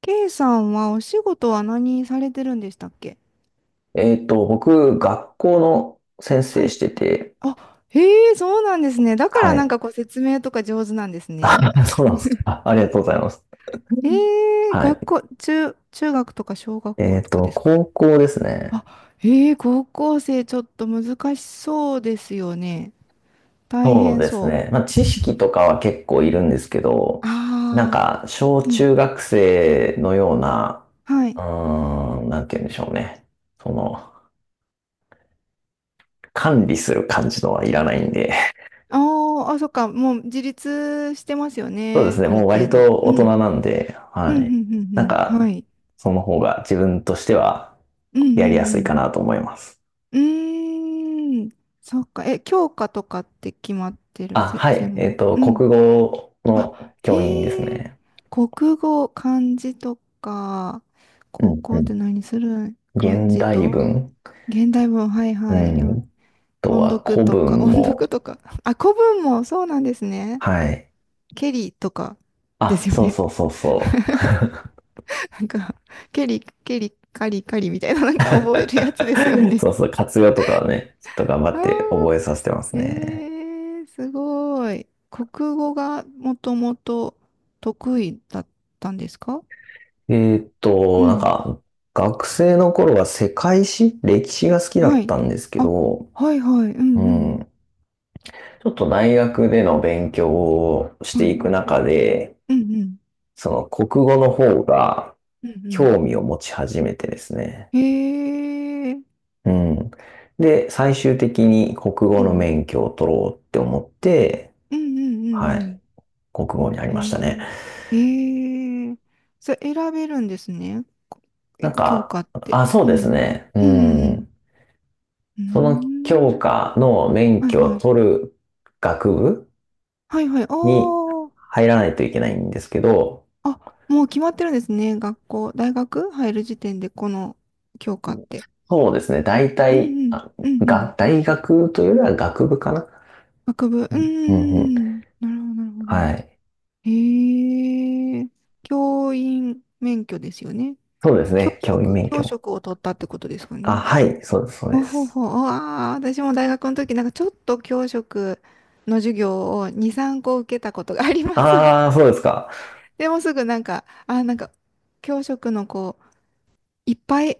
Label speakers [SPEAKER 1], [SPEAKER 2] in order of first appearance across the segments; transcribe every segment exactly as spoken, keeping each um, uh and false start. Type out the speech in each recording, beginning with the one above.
[SPEAKER 1] K さんはお仕事は何されてるんでしたっけ？
[SPEAKER 2] えっと、僕、学校の先
[SPEAKER 1] は
[SPEAKER 2] 生し
[SPEAKER 1] い。
[SPEAKER 2] てて、
[SPEAKER 1] あ、へえ、そうなんですね。だから
[SPEAKER 2] は
[SPEAKER 1] なん
[SPEAKER 2] い。
[SPEAKER 1] かこう説明とか上手なんですね。
[SPEAKER 2] あ、そうなんですか。あ、ありがとうございます。
[SPEAKER 1] ええ、
[SPEAKER 2] は
[SPEAKER 1] 学
[SPEAKER 2] い。
[SPEAKER 1] 校、中、中学とか小学
[SPEAKER 2] え
[SPEAKER 1] 校
[SPEAKER 2] っ
[SPEAKER 1] とか
[SPEAKER 2] と、
[SPEAKER 1] ですか？
[SPEAKER 2] 高校ですね。
[SPEAKER 1] あ、ええ、高校生ちょっと難しそうですよね。大
[SPEAKER 2] そう
[SPEAKER 1] 変
[SPEAKER 2] です
[SPEAKER 1] そ
[SPEAKER 2] ね。まあ、知識とかは結構いるんですけ
[SPEAKER 1] う。
[SPEAKER 2] ど、なん
[SPEAKER 1] ああ、
[SPEAKER 2] か、小
[SPEAKER 1] うん、
[SPEAKER 2] 中学生のような、
[SPEAKER 1] は
[SPEAKER 2] う
[SPEAKER 1] い。
[SPEAKER 2] ーん、なんて言うんでしょうね。その、管理する感じのはいらないんで、
[SPEAKER 1] ああー、あ、そっか、もう自立してますよ
[SPEAKER 2] そうです
[SPEAKER 1] ね。
[SPEAKER 2] ね。
[SPEAKER 1] ある
[SPEAKER 2] もう割
[SPEAKER 1] 程度。
[SPEAKER 2] と
[SPEAKER 1] う
[SPEAKER 2] 大人
[SPEAKER 1] ん。
[SPEAKER 2] なんで、
[SPEAKER 1] う
[SPEAKER 2] は
[SPEAKER 1] ん、う
[SPEAKER 2] い。
[SPEAKER 1] ん、うん、
[SPEAKER 2] なん
[SPEAKER 1] うん。は
[SPEAKER 2] か、
[SPEAKER 1] い。
[SPEAKER 2] その方が自分としては
[SPEAKER 1] うん、う
[SPEAKER 2] やりや
[SPEAKER 1] ん、
[SPEAKER 2] す
[SPEAKER 1] う
[SPEAKER 2] いか
[SPEAKER 1] ん。
[SPEAKER 2] なと思います。
[SPEAKER 1] うーん、そっか。え、教科とかって決まってる、
[SPEAKER 2] あ、
[SPEAKER 1] せ、
[SPEAKER 2] はい。
[SPEAKER 1] 専
[SPEAKER 2] えっ
[SPEAKER 1] 門
[SPEAKER 2] と、
[SPEAKER 1] うん。
[SPEAKER 2] 国語
[SPEAKER 1] あ、
[SPEAKER 2] の教員です
[SPEAKER 1] へえ、
[SPEAKER 2] ね。
[SPEAKER 1] 国語、漢字とか、
[SPEAKER 2] う
[SPEAKER 1] 高
[SPEAKER 2] ん
[SPEAKER 1] 校
[SPEAKER 2] う
[SPEAKER 1] って
[SPEAKER 2] ん。
[SPEAKER 1] 何するん漢
[SPEAKER 2] 現
[SPEAKER 1] 字
[SPEAKER 2] 代
[SPEAKER 1] と、
[SPEAKER 2] 文。
[SPEAKER 1] 現代文、はい
[SPEAKER 2] う
[SPEAKER 1] はい、
[SPEAKER 2] ん。
[SPEAKER 1] よ、
[SPEAKER 2] あと
[SPEAKER 1] 音
[SPEAKER 2] は
[SPEAKER 1] 読
[SPEAKER 2] 古
[SPEAKER 1] とか、
[SPEAKER 2] 文
[SPEAKER 1] 音
[SPEAKER 2] も。
[SPEAKER 1] 読とか、あ、古文もそうなんですね。
[SPEAKER 2] はい。
[SPEAKER 1] ケリとかで
[SPEAKER 2] あ、
[SPEAKER 1] すよ
[SPEAKER 2] そう
[SPEAKER 1] ね。
[SPEAKER 2] そうそうそう。
[SPEAKER 1] なんか、ケリ、ケリ、カリカリみたいな、なんか覚えるやつですよ ね。
[SPEAKER 2] そうそう。活用とかはね、ちょっと頑張
[SPEAKER 1] あ
[SPEAKER 2] って覚えさせてます
[SPEAKER 1] ー、え
[SPEAKER 2] ね。
[SPEAKER 1] ー、すごい。国語がもともと得意だったんですか？
[SPEAKER 2] えーっ
[SPEAKER 1] う
[SPEAKER 2] と、なん
[SPEAKER 1] ん。
[SPEAKER 2] か、学生の頃は世界史、歴史が好きだ
[SPEAKER 1] は
[SPEAKER 2] っ
[SPEAKER 1] い。
[SPEAKER 2] たんですけ
[SPEAKER 1] あ、
[SPEAKER 2] ど、
[SPEAKER 1] はいはい。う
[SPEAKER 2] う
[SPEAKER 1] ん
[SPEAKER 2] ん。ちょっと大学での勉強をし
[SPEAKER 1] うん。は
[SPEAKER 2] て
[SPEAKER 1] い。
[SPEAKER 2] いく中で、
[SPEAKER 1] うんうん。
[SPEAKER 2] その国語の方が
[SPEAKER 1] うん
[SPEAKER 2] 興味を持ち始めてですね。
[SPEAKER 1] うん。へえー。
[SPEAKER 2] うん。で、最終的に国
[SPEAKER 1] う
[SPEAKER 2] 語
[SPEAKER 1] んう
[SPEAKER 2] の
[SPEAKER 1] ん。
[SPEAKER 2] 免許を取ろうって思って、
[SPEAKER 1] うんうん
[SPEAKER 2] は
[SPEAKER 1] う
[SPEAKER 2] い、
[SPEAKER 1] ん
[SPEAKER 2] 国語になり
[SPEAKER 1] うん。
[SPEAKER 2] ましたね。
[SPEAKER 1] へえ。へえ。それ選べるんですね。こ
[SPEAKER 2] な
[SPEAKER 1] え
[SPEAKER 2] ん
[SPEAKER 1] 教
[SPEAKER 2] か、
[SPEAKER 1] 科って。
[SPEAKER 2] あ、そう
[SPEAKER 1] う
[SPEAKER 2] です
[SPEAKER 1] ん。
[SPEAKER 2] ね。う
[SPEAKER 1] うんうん
[SPEAKER 2] ん。
[SPEAKER 1] う
[SPEAKER 2] その教
[SPEAKER 1] ん。うーん。
[SPEAKER 2] 科の免
[SPEAKER 1] はい
[SPEAKER 2] 許
[SPEAKER 1] は
[SPEAKER 2] を
[SPEAKER 1] い。
[SPEAKER 2] 取る学部
[SPEAKER 1] はいはい。あ
[SPEAKER 2] に
[SPEAKER 1] あ。
[SPEAKER 2] 入らないといけないんですけど、
[SPEAKER 1] あ、もう決まってるんですね。学校、大学入る時点でこの教
[SPEAKER 2] う
[SPEAKER 1] 科っ
[SPEAKER 2] ん。
[SPEAKER 1] て。
[SPEAKER 2] そうですね。大
[SPEAKER 1] うん
[SPEAKER 2] 体、
[SPEAKER 1] うん、
[SPEAKER 2] あ、
[SPEAKER 1] うんうん。
[SPEAKER 2] が、大学というよりは学部かな。
[SPEAKER 1] 学部、う
[SPEAKER 2] う
[SPEAKER 1] ー
[SPEAKER 2] ん、うん、うん。
[SPEAKER 1] ん。なるほど、なるほ
[SPEAKER 2] は
[SPEAKER 1] ど。
[SPEAKER 2] い。
[SPEAKER 1] へえ。教員免許ですよね。
[SPEAKER 2] そうです
[SPEAKER 1] 教
[SPEAKER 2] ね。教員
[SPEAKER 1] 職、
[SPEAKER 2] 免
[SPEAKER 1] 教
[SPEAKER 2] 許。
[SPEAKER 1] 職を取ったってことですか
[SPEAKER 2] あ、
[SPEAKER 1] ね。
[SPEAKER 2] はい。そうです、そう
[SPEAKER 1] ほ
[SPEAKER 2] で
[SPEAKER 1] うほう
[SPEAKER 2] す。
[SPEAKER 1] ほう。ああ、私も大学の時、なんかちょっと教職の授業をに、さんこ受けたことがあります。
[SPEAKER 2] ああ、そうですか。
[SPEAKER 1] でもすぐなんか、あーなんか、教職のこいっぱい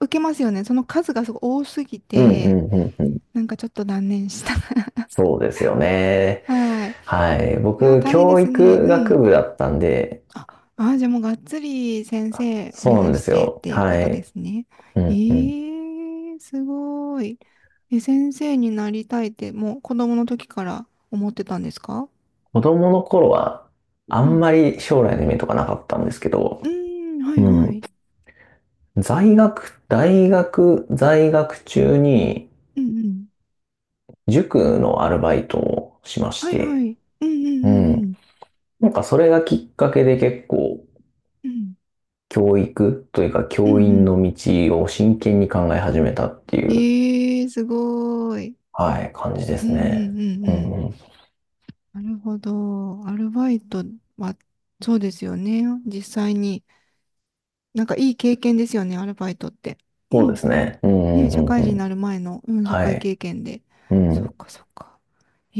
[SPEAKER 1] 受けますよね。その数がすごい多すぎ
[SPEAKER 2] うん、う
[SPEAKER 1] て、
[SPEAKER 2] ん、うん、うん。
[SPEAKER 1] なんかちょっと断念した。
[SPEAKER 2] そうですよね。
[SPEAKER 1] はい。
[SPEAKER 2] はい。
[SPEAKER 1] いやー、
[SPEAKER 2] 僕、
[SPEAKER 1] 大変で
[SPEAKER 2] 教
[SPEAKER 1] すね。
[SPEAKER 2] 育
[SPEAKER 1] う
[SPEAKER 2] 学
[SPEAKER 1] ん。
[SPEAKER 2] 部だったんで、
[SPEAKER 1] あ、あー、じゃあもうがっつり先生を目
[SPEAKER 2] そうなん
[SPEAKER 1] 指
[SPEAKER 2] で
[SPEAKER 1] し
[SPEAKER 2] す
[SPEAKER 1] てっ
[SPEAKER 2] よ。
[SPEAKER 1] ていうこ
[SPEAKER 2] は
[SPEAKER 1] とで
[SPEAKER 2] い。
[SPEAKER 1] すね。
[SPEAKER 2] う
[SPEAKER 1] え
[SPEAKER 2] ん、うん。
[SPEAKER 1] ー、すごい。え、先生になりたいって、もう子供の時から思ってたんですか？
[SPEAKER 2] 子供の頃は、あ
[SPEAKER 1] う
[SPEAKER 2] ん
[SPEAKER 1] ん。
[SPEAKER 2] まり将来の夢とかなかったんですけど、
[SPEAKER 1] うーん、は
[SPEAKER 2] う
[SPEAKER 1] いは
[SPEAKER 2] ん。
[SPEAKER 1] い。
[SPEAKER 2] 在学、大学在学中に、
[SPEAKER 1] うんうん。
[SPEAKER 2] 塾のアルバイトをしまし
[SPEAKER 1] はいは
[SPEAKER 2] て、
[SPEAKER 1] い。うんう
[SPEAKER 2] う
[SPEAKER 1] んうんう
[SPEAKER 2] ん。
[SPEAKER 1] ん。
[SPEAKER 2] なんかそれがきっかけで結構
[SPEAKER 1] うん
[SPEAKER 2] 教育というか
[SPEAKER 1] うん
[SPEAKER 2] 教員
[SPEAKER 1] うん。
[SPEAKER 2] の道を真剣に考え始めたってい
[SPEAKER 1] え
[SPEAKER 2] う、
[SPEAKER 1] ー、すごい。
[SPEAKER 2] はい、感じで
[SPEAKER 1] う
[SPEAKER 2] す
[SPEAKER 1] んう
[SPEAKER 2] ね。
[SPEAKER 1] んうんう
[SPEAKER 2] うん
[SPEAKER 1] ん。
[SPEAKER 2] うん。
[SPEAKER 1] なるほど。アルバイトは、そうですよね。実際に。なんかいい経験ですよね、アルバイトって。
[SPEAKER 2] そ
[SPEAKER 1] う
[SPEAKER 2] うで
[SPEAKER 1] ん、
[SPEAKER 2] すね。う
[SPEAKER 1] ね、
[SPEAKER 2] んう
[SPEAKER 1] 社
[SPEAKER 2] んう
[SPEAKER 1] 会
[SPEAKER 2] んう
[SPEAKER 1] 人に
[SPEAKER 2] ん。
[SPEAKER 1] なる前の、うん、社
[SPEAKER 2] は
[SPEAKER 1] 会
[SPEAKER 2] い。
[SPEAKER 1] 経験で。
[SPEAKER 2] う
[SPEAKER 1] そっ
[SPEAKER 2] ん。
[SPEAKER 1] か、そっか。え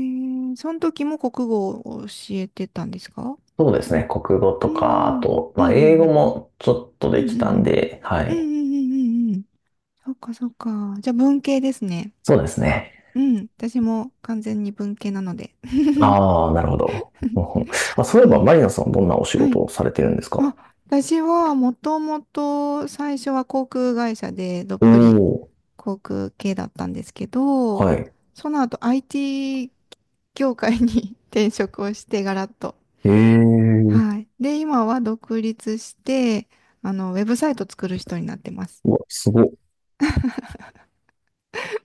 [SPEAKER 1] えその時も国語を教えてたんですか？
[SPEAKER 2] そうですね。国語と
[SPEAKER 1] う
[SPEAKER 2] か、あ
[SPEAKER 1] ん、
[SPEAKER 2] と、
[SPEAKER 1] うん、う
[SPEAKER 2] まあ、英語
[SPEAKER 1] ん、
[SPEAKER 2] もちょっと
[SPEAKER 1] う
[SPEAKER 2] でき
[SPEAKER 1] ん、う
[SPEAKER 2] たん
[SPEAKER 1] ん、
[SPEAKER 2] で、は
[SPEAKER 1] うん、うん、う
[SPEAKER 2] い。
[SPEAKER 1] ん、うんうんうん、そっか、そっか。じゃあ文系ですね。
[SPEAKER 2] そうですね。
[SPEAKER 1] うん、私も完全に文系なので。
[SPEAKER 2] ああ、なるほど。うんうん。あ、そういえ
[SPEAKER 1] は
[SPEAKER 2] ば、
[SPEAKER 1] い。
[SPEAKER 2] マリナさん、どんなお仕
[SPEAKER 1] はい。
[SPEAKER 2] 事をされてるんですか？お。
[SPEAKER 1] あ、私はもともと最初は航空会社でどっぷり
[SPEAKER 2] お
[SPEAKER 1] 航空系だったんですけ
[SPEAKER 2] ー、
[SPEAKER 1] ど、
[SPEAKER 2] はい。
[SPEAKER 1] その後 アイティー 業界に 転職をしてガラッと。
[SPEAKER 2] ええ。
[SPEAKER 1] はい。で、今は独立して、あの、ウェブサイト作る人になってます。
[SPEAKER 2] うわ、すごっ。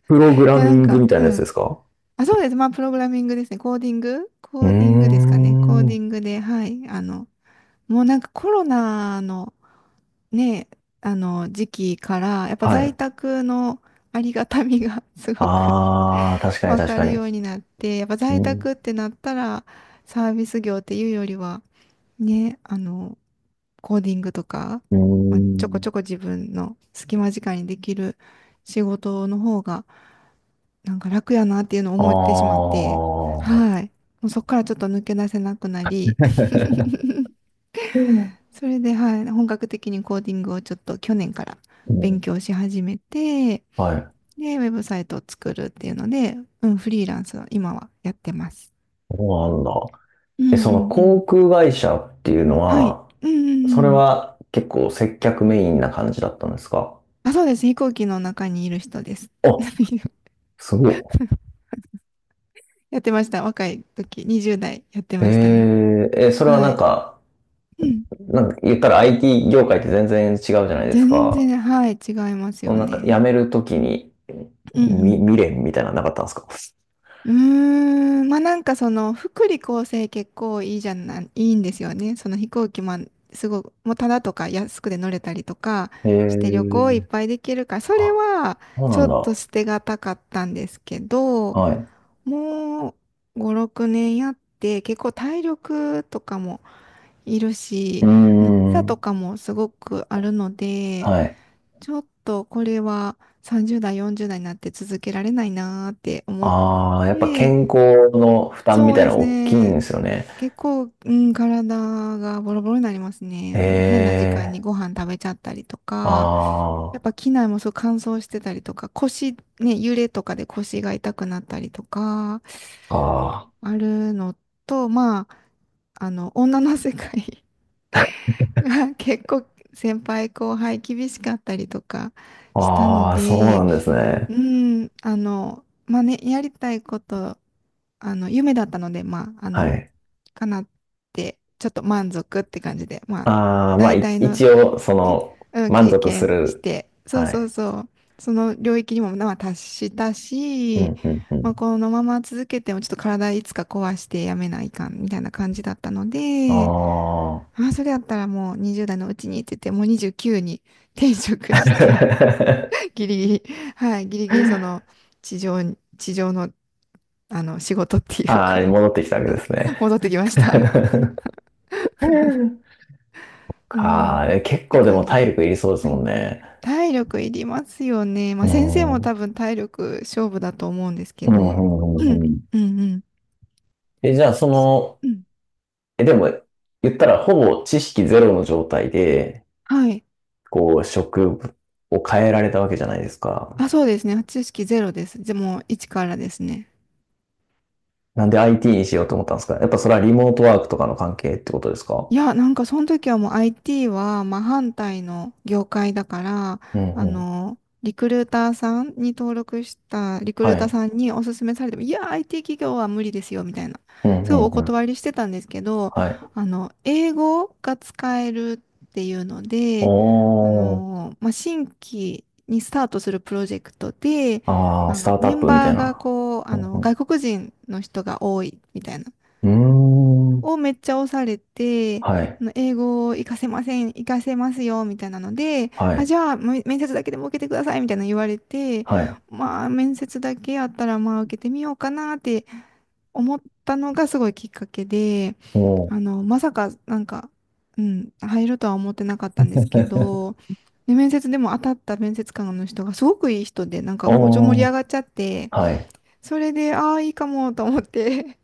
[SPEAKER 2] プログ
[SPEAKER 1] い
[SPEAKER 2] ラ
[SPEAKER 1] や、
[SPEAKER 2] ミ
[SPEAKER 1] なん
[SPEAKER 2] ング
[SPEAKER 1] か、
[SPEAKER 2] みたい
[SPEAKER 1] う
[SPEAKER 2] なやつで
[SPEAKER 1] ん。
[SPEAKER 2] すか？
[SPEAKER 1] あ、そうです。まあ、プログラミングですね。コーディング
[SPEAKER 2] う
[SPEAKER 1] コ
[SPEAKER 2] ー
[SPEAKER 1] ーディングですかね。コーディ
[SPEAKER 2] ん。
[SPEAKER 1] ングで、はい。あの、もうなんかコロナのね、あの、時期から、やっぱ
[SPEAKER 2] は
[SPEAKER 1] 在
[SPEAKER 2] い。
[SPEAKER 1] 宅のありがたみが すごく
[SPEAKER 2] ああ、確 かに
[SPEAKER 1] わ
[SPEAKER 2] 確
[SPEAKER 1] か
[SPEAKER 2] か
[SPEAKER 1] る
[SPEAKER 2] に。
[SPEAKER 1] ようになって、やっぱ
[SPEAKER 2] う
[SPEAKER 1] 在
[SPEAKER 2] ん。
[SPEAKER 1] 宅ってなったら、サービス業っていうよりは、ね、あの、コーディングとか、
[SPEAKER 2] うー
[SPEAKER 1] まあ、ちょこちょ
[SPEAKER 2] ん。
[SPEAKER 1] こ自分の隙間時間にできる仕事の方が、なんか楽やなっていうのを
[SPEAKER 2] あ
[SPEAKER 1] 思ってしまって、
[SPEAKER 2] あ。
[SPEAKER 1] はい。もうそこからちょっと抜け出せなくなり、
[SPEAKER 2] うん
[SPEAKER 1] それで、はい、本格的にコーディングをちょっと去年から
[SPEAKER 2] う
[SPEAKER 1] 勉
[SPEAKER 2] ん。
[SPEAKER 1] 強し始めて、
[SPEAKER 2] はい。
[SPEAKER 1] で、ウェブサイトを作るっていうので、うん、フリーランスを今はやってます。
[SPEAKER 2] そうなんだ。
[SPEAKER 1] う
[SPEAKER 2] え、
[SPEAKER 1] んう
[SPEAKER 2] その
[SPEAKER 1] んう
[SPEAKER 2] 航
[SPEAKER 1] ん。
[SPEAKER 2] 空会社っていうの
[SPEAKER 1] はい。
[SPEAKER 2] は、
[SPEAKER 1] うんうん
[SPEAKER 2] そ
[SPEAKER 1] う
[SPEAKER 2] れ
[SPEAKER 1] ん。
[SPEAKER 2] は結構接客メインな感じだったんですか？
[SPEAKER 1] あ、そうです。飛行機の中にいる人です。
[SPEAKER 2] あ、すご
[SPEAKER 1] やってました。若い時、にじゅう代やって
[SPEAKER 2] い。
[SPEAKER 1] ましたね。
[SPEAKER 2] ええ、え、それは
[SPEAKER 1] は
[SPEAKER 2] なん
[SPEAKER 1] い。
[SPEAKER 2] か、
[SPEAKER 1] うん。
[SPEAKER 2] なんか言ったら アイティー 業界って全然違うじゃないです
[SPEAKER 1] 全
[SPEAKER 2] か。
[SPEAKER 1] 然、はい、違います
[SPEAKER 2] その
[SPEAKER 1] よ
[SPEAKER 2] なんか辞
[SPEAKER 1] ね。
[SPEAKER 2] めるときに、
[SPEAKER 1] うんう
[SPEAKER 2] み
[SPEAKER 1] ん。
[SPEAKER 2] 未練みたいなのなかったんですか？
[SPEAKER 1] うーん、まあなんかその福利厚生結構いいじゃない、いいんですよね。その飛行機もすごく、もうただとか安くで乗れたりとか
[SPEAKER 2] へ
[SPEAKER 1] して旅行いっ
[SPEAKER 2] え。
[SPEAKER 1] ぱいできるから、それ
[SPEAKER 2] あ、
[SPEAKER 1] は
[SPEAKER 2] そうな
[SPEAKER 1] ちょ
[SPEAKER 2] ん
[SPEAKER 1] っと
[SPEAKER 2] だ。
[SPEAKER 1] 捨てがたかったんですけど、
[SPEAKER 2] はい。
[SPEAKER 1] もうご、ろくねんやって結構体力とかもいる
[SPEAKER 2] う
[SPEAKER 1] し、
[SPEAKER 2] ー
[SPEAKER 1] あのビザと
[SPEAKER 2] ん。
[SPEAKER 1] かもすごくあるので、
[SPEAKER 2] はい。
[SPEAKER 1] ちょっとこれはさんじゅう代、よんじゅう代になって続けられないなーって思っ
[SPEAKER 2] ああ、やっぱ
[SPEAKER 1] て、
[SPEAKER 2] 健康の負担み
[SPEAKER 1] そう
[SPEAKER 2] たいな
[SPEAKER 1] です
[SPEAKER 2] の大きいんで
[SPEAKER 1] ね。
[SPEAKER 2] すよね。
[SPEAKER 1] 結構、うん、体がボロボロになります
[SPEAKER 2] へ
[SPEAKER 1] ね。あの、変な時間に
[SPEAKER 2] え。
[SPEAKER 1] ご飯食べちゃったりとか、やっ
[SPEAKER 2] あ
[SPEAKER 1] ぱ機内もそう乾燥してたりとか、腰、ね、揺れとかで腰が痛くなったりとか、
[SPEAKER 2] あ、あ
[SPEAKER 1] あるのと、まあ、あの、女の世界 が結構先輩後輩厳しかったりとか
[SPEAKER 2] あ、
[SPEAKER 1] したの
[SPEAKER 2] ああ、そうな
[SPEAKER 1] で、
[SPEAKER 2] んですね。
[SPEAKER 1] うん、あの、まあね、やりたいこと、あの、夢だったので、まあ、あ
[SPEAKER 2] は
[SPEAKER 1] の、
[SPEAKER 2] い。
[SPEAKER 1] かなって、ちょっと満足って感じで、まあ、
[SPEAKER 2] ああ、まあ、
[SPEAKER 1] 大
[SPEAKER 2] い
[SPEAKER 1] 体の
[SPEAKER 2] 一応、そ
[SPEAKER 1] ね、
[SPEAKER 2] の、
[SPEAKER 1] うん、
[SPEAKER 2] 満
[SPEAKER 1] 経
[SPEAKER 2] 足す
[SPEAKER 1] 験し
[SPEAKER 2] る。
[SPEAKER 1] て、そう
[SPEAKER 2] は
[SPEAKER 1] そう
[SPEAKER 2] い。
[SPEAKER 1] そう、その領域にも、まあ、達した
[SPEAKER 2] う
[SPEAKER 1] し、
[SPEAKER 2] ん、うん、う
[SPEAKER 1] まあ、
[SPEAKER 2] ん。
[SPEAKER 1] このまま続けても、ちょっと体いつか壊してやめないかん、みたいな感じだったの
[SPEAKER 2] あ
[SPEAKER 1] で、
[SPEAKER 2] あ。
[SPEAKER 1] まあ、それやったらもうにじゅう代のうちにって言って、もうにじゅうきゅうに転職して ギリギリ、はい、ギリギリその地上に、地上の、あの仕事っていう
[SPEAKER 2] ああ、
[SPEAKER 1] か
[SPEAKER 2] 戻ってきたわけです ね。
[SPEAKER 1] 戻ってきました。うん。
[SPEAKER 2] か
[SPEAKER 1] っ
[SPEAKER 2] あ、え、結
[SPEAKER 1] て
[SPEAKER 2] 構でも
[SPEAKER 1] 感じ
[SPEAKER 2] 体
[SPEAKER 1] で。
[SPEAKER 2] 力いりそうです
[SPEAKER 1] は
[SPEAKER 2] も
[SPEAKER 1] い。
[SPEAKER 2] んね。
[SPEAKER 1] 体力いりますよね。ま
[SPEAKER 2] う
[SPEAKER 1] あ先生も
[SPEAKER 2] ん。うん、
[SPEAKER 1] 多分体力勝負だと思うんですけ
[SPEAKER 2] うん、
[SPEAKER 1] ど。うん、
[SPEAKER 2] うん。うん。
[SPEAKER 1] うん、うん。
[SPEAKER 2] え、じゃあ、その、
[SPEAKER 1] うん、
[SPEAKER 2] え、でも、言ったら、ほぼ知識ゼロの状態で、
[SPEAKER 1] はい。
[SPEAKER 2] こう、職を変えられたわけじゃないですか。
[SPEAKER 1] あ、そうですね。知識ゼロです。でも、いちからですね。
[SPEAKER 2] なんで アイティー にしようと思ったんですか？やっぱそれはリモートワークとかの関係ってことですか？
[SPEAKER 1] いや、なんかその時はもう アイティー は真反対の業界だから、
[SPEAKER 2] うん
[SPEAKER 1] あ
[SPEAKER 2] うん。
[SPEAKER 1] の、リクルーターさんに登録したリク
[SPEAKER 2] は
[SPEAKER 1] ルーター
[SPEAKER 2] い。
[SPEAKER 1] さんにお勧めされても、いや、アイティー 企業は無理ですよ、みたいな。
[SPEAKER 2] うん
[SPEAKER 1] すごいお
[SPEAKER 2] うんうん。
[SPEAKER 1] 断りしてたんですけど、
[SPEAKER 2] はい。
[SPEAKER 1] あの、英語が使えるっていうので、あ
[SPEAKER 2] おー。
[SPEAKER 1] の、まあ、新規にスタートするプロジェクトで、
[SPEAKER 2] ああ、
[SPEAKER 1] あ
[SPEAKER 2] スタ
[SPEAKER 1] の、
[SPEAKER 2] ートア
[SPEAKER 1] メ
[SPEAKER 2] ッ
[SPEAKER 1] ン
[SPEAKER 2] プみた
[SPEAKER 1] バ
[SPEAKER 2] い
[SPEAKER 1] ーが
[SPEAKER 2] な。
[SPEAKER 1] こう、あ
[SPEAKER 2] う
[SPEAKER 1] の、
[SPEAKER 2] ん
[SPEAKER 1] 外国人の人が多いみたいな。
[SPEAKER 2] うん。うーん。
[SPEAKER 1] をめっちゃ押されて、あ
[SPEAKER 2] はい。
[SPEAKER 1] の英語を活かせません、活かせますよ、みたいなので、
[SPEAKER 2] は
[SPEAKER 1] あ、
[SPEAKER 2] い。
[SPEAKER 1] じゃあ、め面接だけでも受けてください、みたいなの言われて、
[SPEAKER 2] はい。
[SPEAKER 1] まあ、面接だけやったら、まあ、受けてみようかなって思ったのがすごいきっかけで、
[SPEAKER 2] おー
[SPEAKER 1] あの、まさか、なんか、うん、入るとは思ってなかったんですけ ど、で、面接でも当たった面接官の人がすごくいい人で、なんかこう、ちょ、盛り上
[SPEAKER 2] お。
[SPEAKER 1] がっちゃって、
[SPEAKER 2] あ、はい。
[SPEAKER 1] それで、ああ、いいかもと思って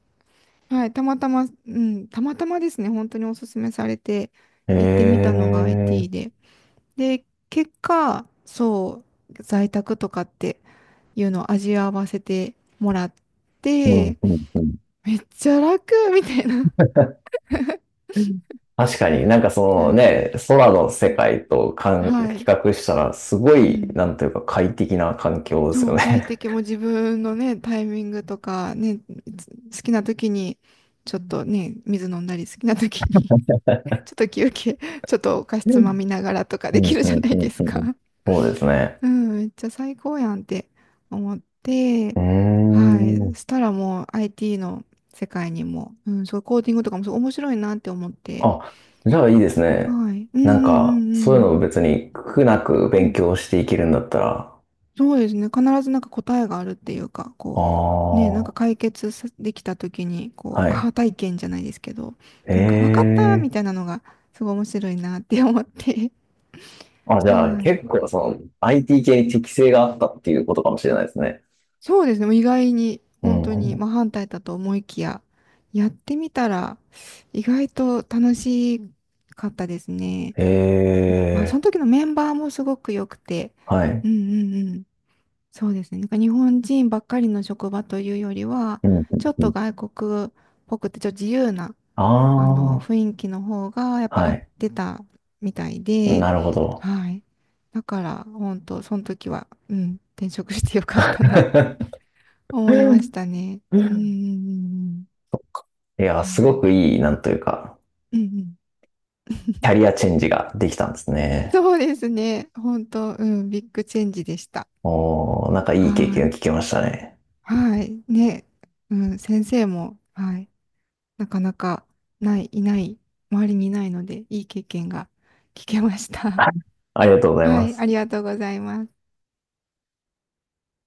[SPEAKER 1] はい、たまたま、うん、たまたまですね、本当におすすめされて
[SPEAKER 2] え
[SPEAKER 1] 行ってみたのが
[SPEAKER 2] え、
[SPEAKER 1] アイティー で。で、結果、そう、在宅とかっていうのを味わわせてもらっ
[SPEAKER 2] うん、
[SPEAKER 1] て、
[SPEAKER 2] うん、
[SPEAKER 1] めっちゃ楽みたいな。
[SPEAKER 2] うん。確かに、なんかその
[SPEAKER 1] はい。
[SPEAKER 2] ね、空の世
[SPEAKER 1] うん、
[SPEAKER 2] 界とかん
[SPEAKER 1] は
[SPEAKER 2] 比
[SPEAKER 1] い。
[SPEAKER 2] 較したら、すご
[SPEAKER 1] う
[SPEAKER 2] い、
[SPEAKER 1] ん。
[SPEAKER 2] なんというか快適な環境です
[SPEAKER 1] そ
[SPEAKER 2] よ
[SPEAKER 1] う、快
[SPEAKER 2] ね。
[SPEAKER 1] 適も自分のね、タイミングとか、ね、つ好きな時に、ちょっとね、水飲んだり、好きな時に、ちょっと休憩、ちょっとお菓子
[SPEAKER 2] う
[SPEAKER 1] つま
[SPEAKER 2] ん。
[SPEAKER 1] みながらとか
[SPEAKER 2] う
[SPEAKER 1] で
[SPEAKER 2] ん、
[SPEAKER 1] きる
[SPEAKER 2] う
[SPEAKER 1] じゃ
[SPEAKER 2] ん、
[SPEAKER 1] な
[SPEAKER 2] う
[SPEAKER 1] いで
[SPEAKER 2] ん、
[SPEAKER 1] す
[SPEAKER 2] うん。
[SPEAKER 1] か。
[SPEAKER 2] そうですね。
[SPEAKER 1] うん、めっちゃ最高やんって思って、
[SPEAKER 2] うー
[SPEAKER 1] はい。
[SPEAKER 2] ん。
[SPEAKER 1] そしたらもう アイティー の世界にも、うん、そう、コーディングとかもすごい面白いなって思って、
[SPEAKER 2] あ、じゃあいいですね。
[SPEAKER 1] はい。うん
[SPEAKER 2] なん
[SPEAKER 1] う
[SPEAKER 2] か、
[SPEAKER 1] ん
[SPEAKER 2] そ
[SPEAKER 1] うん
[SPEAKER 2] ういう
[SPEAKER 1] う
[SPEAKER 2] の
[SPEAKER 1] ん。
[SPEAKER 2] を別に苦なく
[SPEAKER 1] う
[SPEAKER 2] 勉
[SPEAKER 1] ん。
[SPEAKER 2] 強していけるんだったら、
[SPEAKER 1] そうですね。必ずなんか答えがあるっていうか、
[SPEAKER 2] あ
[SPEAKER 1] こう、
[SPEAKER 2] あ、
[SPEAKER 1] ね、なんか解決さできた時に、こ
[SPEAKER 2] は
[SPEAKER 1] う、ア
[SPEAKER 2] い。
[SPEAKER 1] ハ体験じゃないですけど、
[SPEAKER 2] え
[SPEAKER 1] なんか分かったみ
[SPEAKER 2] え。
[SPEAKER 1] たいなのが、すごい面白いなって思って、
[SPEAKER 2] あ、じゃあ
[SPEAKER 1] はい。
[SPEAKER 2] 結構その アイティー 系に適性があったっていうことかもしれないですね。
[SPEAKER 1] そうですね。もう意外に、
[SPEAKER 2] う
[SPEAKER 1] 本当
[SPEAKER 2] んう
[SPEAKER 1] に、
[SPEAKER 2] ん。
[SPEAKER 1] まあ、反対だと思いきや、やってみたら、意外と楽しかったですね。
[SPEAKER 2] へ
[SPEAKER 1] うん、まあ、その
[SPEAKER 2] え、
[SPEAKER 1] 時のメンバーもすごく良くて、
[SPEAKER 2] は
[SPEAKER 1] う
[SPEAKER 2] い。
[SPEAKER 1] んうんうん。そうですね。なんか日本人ばっかりの職場というよりは、
[SPEAKER 2] うんうん
[SPEAKER 1] ちょっ
[SPEAKER 2] う
[SPEAKER 1] と
[SPEAKER 2] ん。
[SPEAKER 1] 外国っぽくて、ちょっと自由な、あの、
[SPEAKER 2] あ
[SPEAKER 1] 雰囲気の方が、やっ
[SPEAKER 2] あ、
[SPEAKER 1] ぱ合
[SPEAKER 2] は
[SPEAKER 1] っ
[SPEAKER 2] い。
[SPEAKER 1] てたみたいで、
[SPEAKER 2] なるほど。
[SPEAKER 1] はい。だから、本当その時は、うん、転職してよかったなって。思いました ね。うんうんうんうん。
[SPEAKER 2] いや、す
[SPEAKER 1] は
[SPEAKER 2] ご
[SPEAKER 1] い。
[SPEAKER 2] くいい、なんというか、
[SPEAKER 1] うんうん。
[SPEAKER 2] キャリアチェンジができたんですね。
[SPEAKER 1] そうですね。本当、うん、ビッグチェンジでした。
[SPEAKER 2] おー、なんかいい経
[SPEAKER 1] は
[SPEAKER 2] 験を
[SPEAKER 1] い。
[SPEAKER 2] 聞けましたね。
[SPEAKER 1] はい。ね。うん、先生も、はい。なかなか、ない、いない、周りにいないので、いい経験が聞けました。
[SPEAKER 2] ありがとうご ざい
[SPEAKER 1] は
[SPEAKER 2] ま
[SPEAKER 1] い。
[SPEAKER 2] す。
[SPEAKER 1] ありがとうございます。